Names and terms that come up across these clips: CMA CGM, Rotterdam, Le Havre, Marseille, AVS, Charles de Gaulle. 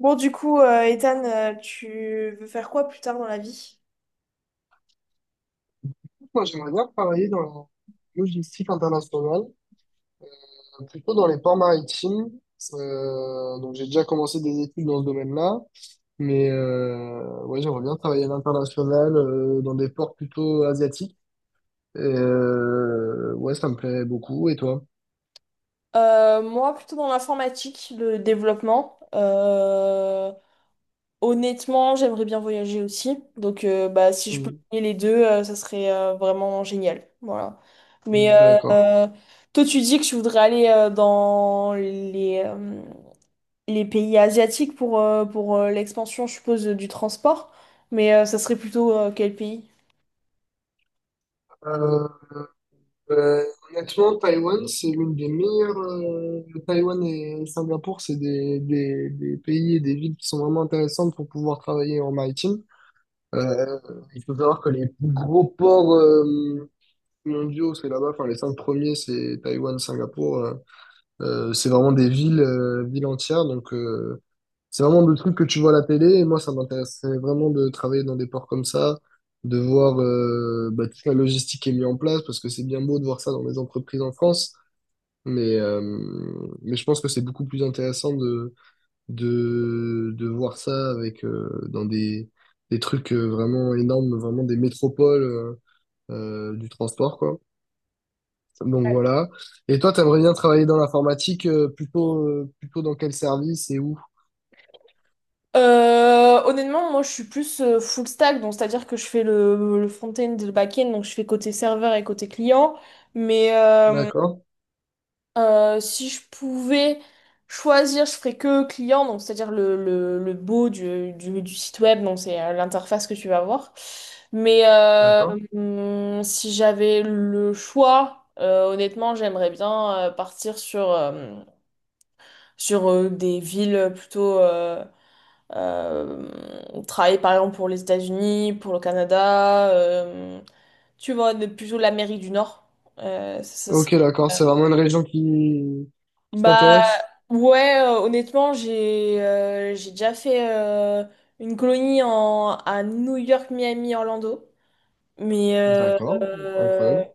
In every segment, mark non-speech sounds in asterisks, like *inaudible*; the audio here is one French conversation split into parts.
Ethan, tu veux faire quoi plus tard dans la vie? Moi, j'aimerais bien travailler dans la logistique internationale, plutôt dans les ports maritimes. Donc, j'ai déjà commencé des études dans ce domaine-là, mais ouais, j'aimerais bien travailler à l'international, dans des ports plutôt asiatiques. Et, ouais, ça me plairait beaucoup. Et toi? Moi, plutôt dans l'informatique, le développement. Honnêtement, j'aimerais bien voyager aussi. Donc, si je peux Mm. lier les deux, ça serait vraiment génial. Voilà. Mais euh, D'accord. euh, Toi, tu dis que tu voudrais aller dans les pays asiatiques pour, l'expansion, je suppose, du transport. Mais ça serait plutôt quel pays? Euh, euh, honnêtement, Taïwan, c'est l'une des meilleures. Taïwan et Singapour, c'est des pays et des villes qui sont vraiment intéressantes pour pouvoir travailler en maritime. Euh, il faut savoir que les plus gros ports mondiaux, c'est là-bas. Enfin, les cinq premiers, c'est Taïwan, Singapour. C'est vraiment des villes, villes entières. Donc, c'est vraiment des trucs que tu vois à la télé. Et moi, ça m'intéressait vraiment de travailler dans des ports comme ça, de voir bah, toute la logistique qui est mise en place, parce que c'est bien beau de voir ça dans les entreprises en France. Mais, euh, mais je pense que c'est beaucoup plus intéressant de voir ça avec dans des trucs vraiment énormes, vraiment des métropoles du transport, quoi. Donc voilà. Et toi, t'aimerais bien travailler dans l'informatique, plutôt dans quel service et où? Honnêtement, moi je suis plus full stack, donc c'est-à-dire que je fais le front-end et le back-end, donc je fais côté serveur et côté client. Mais euh, D'accord, Si je pouvais choisir, je ferais que client, donc c'est-à-dire le beau du site web, donc c'est l'interface que tu vas voir. Mais euh, d'accord. Si j'avais le choix, honnêtement, j'aimerais bien partir sur des villes plutôt. Euh, Travailler par exemple pour les États-Unis, pour le Canada, tu vois, plutôt l'Amérique du Nord. Euh, ça, ça Ok, serait- d'accord. euh, C'est vraiment une région qui Bah t'intéresse? ouais, honnêtement, j'ai déjà fait une colonie à New York, Miami, Orlando, mais D'accord, incroyable.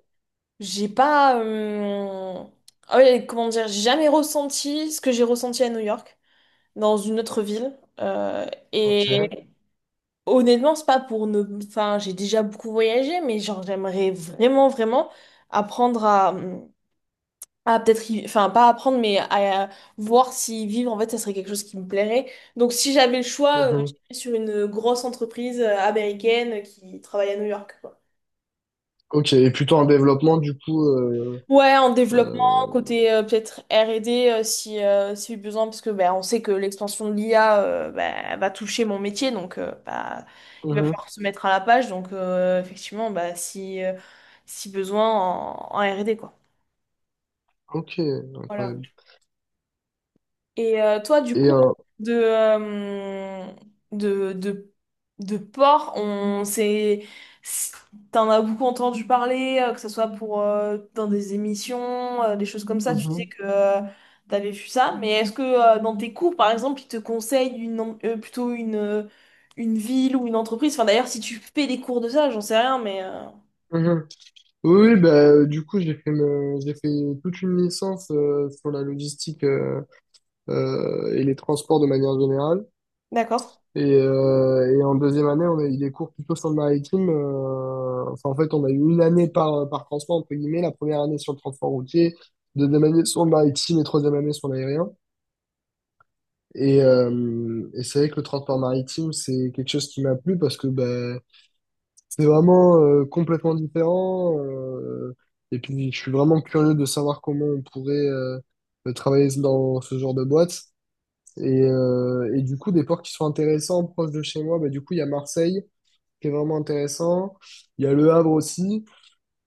j'ai pas, ouais, comment dire, j'ai jamais ressenti ce que j'ai ressenti à New York dans une autre ville. Euh, Ok. et honnêtement, c'est pas pour ne... Enfin, j'ai déjà beaucoup voyagé, mais genre, j'aimerais vraiment, vraiment apprendre à peut-être... Enfin, pas apprendre, mais à voir si vivre, en fait, ça serait quelque chose qui me plairait. Donc, si j'avais le choix, Mhm. j'irais sur une grosse entreprise américaine qui travaille à New York, quoi. Ok, et plutôt en développement, du coup. Ouais, en développement, euh, côté peut-être R&D si besoin, parce que ben on sait que l'expansion de l'IA va toucher mon métier, donc il va mhm. falloir se mettre à la page, donc effectivement, bah, si besoin en R&D, quoi. Ok, Voilà. incroyable. Et toi, du Et coup, de, euh, de, de, de porc, on s'est, s- t'en as beaucoup entendu parler, que ce soit pour, dans des émissions, des choses comme ça, tu sais mhm, que tu t'avais vu ça, mais est-ce que dans tes cours, par exemple, ils te conseillent plutôt une ville ou une entreprise? Enfin, d'ailleurs, si tu fais des cours de ça, j'en sais rien, mhm. Oui, oui, bah, du coup, j'ai fait toute une licence sur la logistique et les transports de manière générale. d'accord. Et en deuxième année, on a eu des cours plutôt sur le maritime. Enfin, en fait, on a eu une année par, par transport, entre guillemets, la première année sur le transport routier, deuxième année sur le maritime et troisième année sur l'aérien. Et c'est vrai que le transport maritime, c'est quelque chose qui m'a plu parce que bah, c'est vraiment complètement différent. Et puis, je suis vraiment curieux de savoir comment on pourrait travailler dans ce genre de boîte. Et du coup, des ports qui sont intéressants, proches de chez moi, bah, du coup, il y a Marseille, qui est vraiment intéressant. Il y a Le Havre aussi.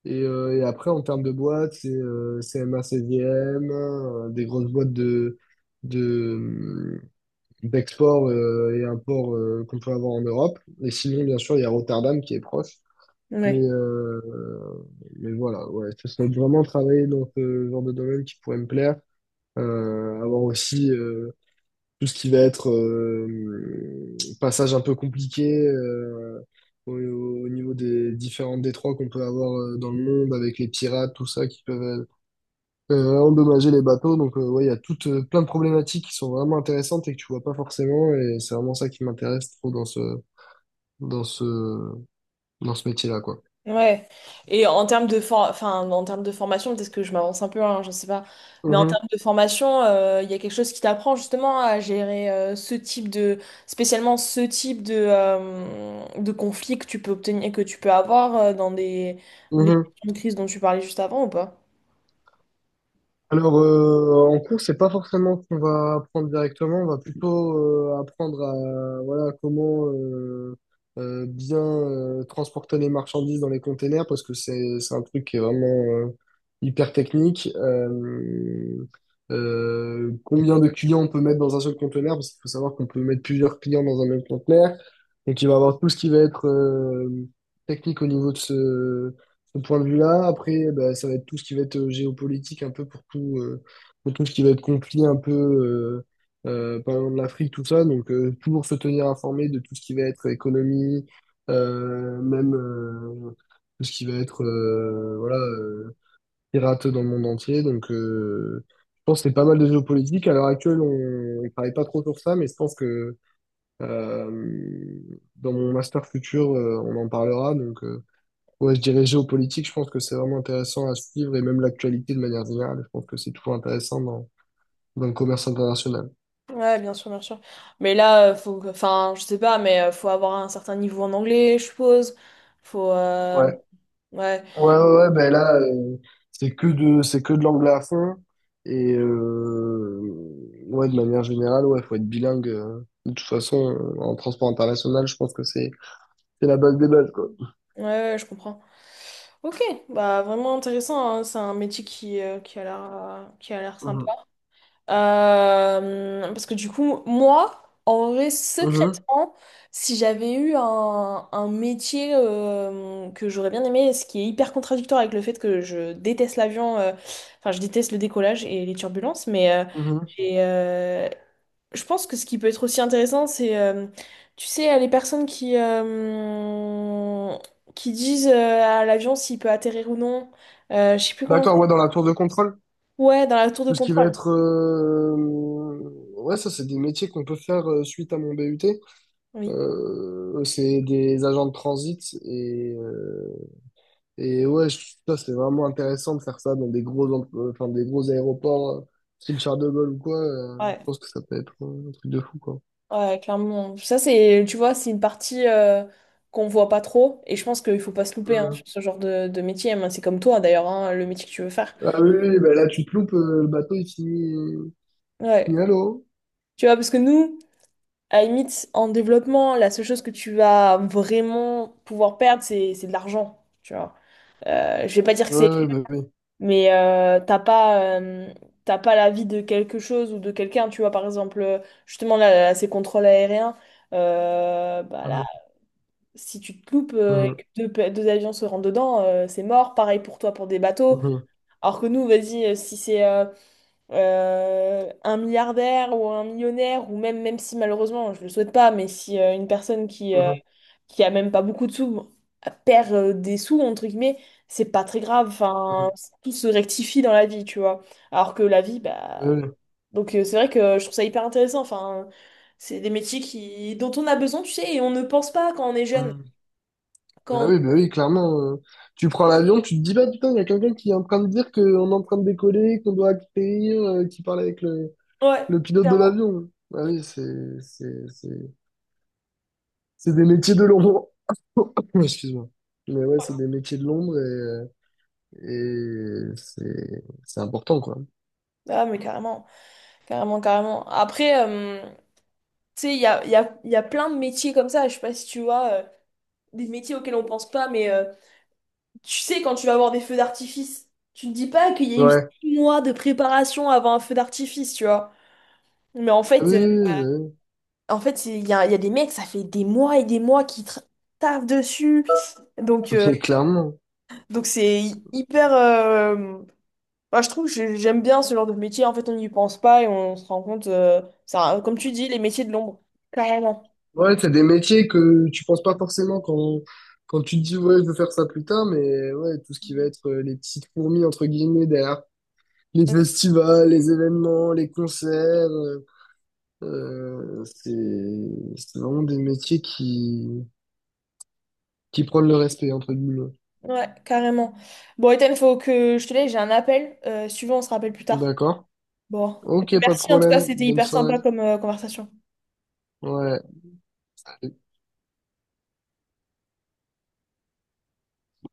Et après, en termes de boîtes, c'est CMA, CGM, des grosses boîtes de, d'export et import qu'on peut avoir en Europe. Et sinon, bien sûr, il y a Rotterdam qui est proche. Mais, euh, mais voilà, ouais, ça serait de vraiment travailler dans ce genre de domaine qui pourrait me plaire. Avoir aussi tout ce qui va être passage un peu compliqué au, au niveau des différents détroits qu'on peut avoir dans le monde avec les pirates, tout ça, qui peuvent endommager les bateaux. Donc, ouais, il y a toutes plein de problématiques qui sont vraiment intéressantes et que tu vois pas forcément. Et c'est vraiment ça qui m'intéresse trop dans ce, dans ce métier-là, quoi. Ouais. Et en termes enfin, en termes de formation, peut-être que je m'avance un peu, hein, je sais pas. Mais en Mhm, termes de formation, il y a quelque chose qui t'apprend justement à gérer ce type de, spécialement ce type de conflit que tu peux obtenir, que tu peux avoir dans des les mhm. questions de crise dont tu parlais juste avant ou pas? Alors, en cours, c'est pas forcément ce qu'on va apprendre directement, on va plutôt apprendre à voilà comment bien transporter les marchandises dans les containers parce que c'est un truc qui est vraiment hyper technique. Combien de clients on peut mettre dans un seul conteneur parce qu'il faut savoir qu'on peut mettre plusieurs clients dans un même conteneur. Donc, il va y avoir tout ce qui va être technique au niveau de ce point de vue-là. Après, bah, ça va être tout ce qui va être géopolitique, un peu pour tout ce qui va être conflit, un peu, par exemple, l'Afrique, tout ça. Donc, toujours se tenir informé de tout ce qui va être économie, même tout ce qui va être voilà, pirate dans le monde entier. Donc, je pense que c'est pas mal de géopolitique. À l'heure actuelle, on ne travaille pas trop sur ça, mais je pense que euh, dans mon master futur, on en parlera. Donc, ouais, je dirais géopolitique, je pense que c'est vraiment intéressant à suivre et même l'actualité de manière générale, je pense que c'est toujours intéressant dans le commerce international. Ouais, bien sûr, bien sûr. Mais là, enfin, je sais pas, mais faut avoir un certain niveau en anglais, je suppose. Faut, euh, Ouais, ouais. ouais, ben là, c'est que de l'anglais à fond et ouais, de manière générale, ouais, faut être bilingue. De toute façon, en transport international, je pense que c'est la base des bases, quoi. Ouais, ouais, je comprends. Ok, bah vraiment intéressant, hein. C'est un métier qui a l'air sympa. Mhm. Parce que du coup, moi, en vrai, Mhm. secrètement, si j'avais eu un métier que j'aurais bien aimé, ce qui est hyper contradictoire avec le fait que je déteste l'avion, enfin je déteste le décollage et les turbulences, mais Mhm. j'ai, euh, je pense que ce qui peut être aussi intéressant, c'est tu sais, les personnes qui disent à l'avion s'il peut atterrir ou non. Je sais plus comment. D'accord, ouais, dans la tour de contrôle, Ouais, dans la tour de tout ce qui va contrôle. être, ouais, ça, c'est des métiers qu'on peut faire suite à mon BUT. Oui. C'est des agents de transit et ouais, ça c'est vraiment intéressant de faire ça dans enfin, des gros aéroports, style Charles de Gaulle ou quoi. Je Ouais, pense que ça peut être un truc de fou quoi. ouais, clairement. Ça, c'est, tu vois, c'est une partie qu'on voit pas trop. Et je pense qu'il faut pas se louper hein, sur Euh, ce genre de métier. Moi, c'est comme toi, d'ailleurs, hein, le métier que tu veux faire. Ah oui, oui, bah là tu te loupes, le bateau Ouais. finit à l'eau. Tu vois, parce que nous, à la limite, en développement, la seule chose que tu vas vraiment pouvoir perdre, c'est de l'argent, tu vois. Je vais pas dire que Ouais, c'est, ouais, bah oui. mais t'as pas l'avis de quelque chose ou de quelqu'un, tu vois, par exemple, justement, là, ces contrôles aériens, bah là, Mhm, si tu te loupes et que deux avions se rentrent dedans, c'est mort. Pareil pour toi pour des bateaux. mhm, Alors que nous, vas-y, si c'est un milliardaire ou un millionnaire, ou même, même si malheureusement, je le souhaite pas, mais si une personne mhm, qui a même pas beaucoup de sous, perd des sous, entre guillemets, c'est pas très grave. mhm, Enfin, mhm. tout se rectifie dans la vie, tu vois. Alors que la vie, Ouais, bah. ouais. Donc, c'est vrai que je trouve ça hyper intéressant. Enfin, c'est des métiers qui... dont on a besoin, tu sais, et on ne pense pas quand on est jeune. Mhm. Quand Bah oui, clairement. Tu prends l'avion, tu te dis, bah putain, il y a quelqu'un qui est en train de dire qu'on est en train de décoller, qu'on doit atterrir, qui parle avec le, Ouais, Le pilote de clairement. l'avion. Ah oui, c'est des métiers de l'ombre. *coughs* Excuse-moi. Mais ouais, c'est des métiers de l'ombre et c'est important, quoi. Ah, mais carrément, carrément, carrément. Après, tu sais, il y a plein de métiers comme ça. Je sais pas si tu vois, des métiers auxquels on pense pas, mais tu sais, quand tu vas voir des feux d'artifice, tu ne dis pas qu'il y a eu Ouais. 6 mois de préparation avant un feu d'artifice, tu vois. Mais en Ah oui, fait, oui, c'est- il y a des mecs, ça fait des mois et des mois qui taffent dessus. Donc, oui. Mais clairement. C'est hyper. Moi, je trouve que j'aime bien ce genre de métier. En fait, on n'y pense pas et on se rend compte. Ça, comme tu dis, les métiers de l'ombre. Carrément. Ouais, c'est des métiers que tu penses pas forcément quand tu te dis, ouais, je veux faire ça plus tard, mais ouais, tout ce qui va être les petites fourmis, entre guillemets, derrière les festivals, les événements, les concerts, euh, c'est, c'est vraiment des métiers qui prône le respect, entre guillemets. Ouais, carrément. Bon, Ethan, faut que je te laisse, j'ai un appel. Si tu veux, on se rappelle plus tard. D'accord? Bon. Ok, pas de Merci, en tout cas, problème. c'était Bonne hyper sympa soirée. comme conversation. Ouais.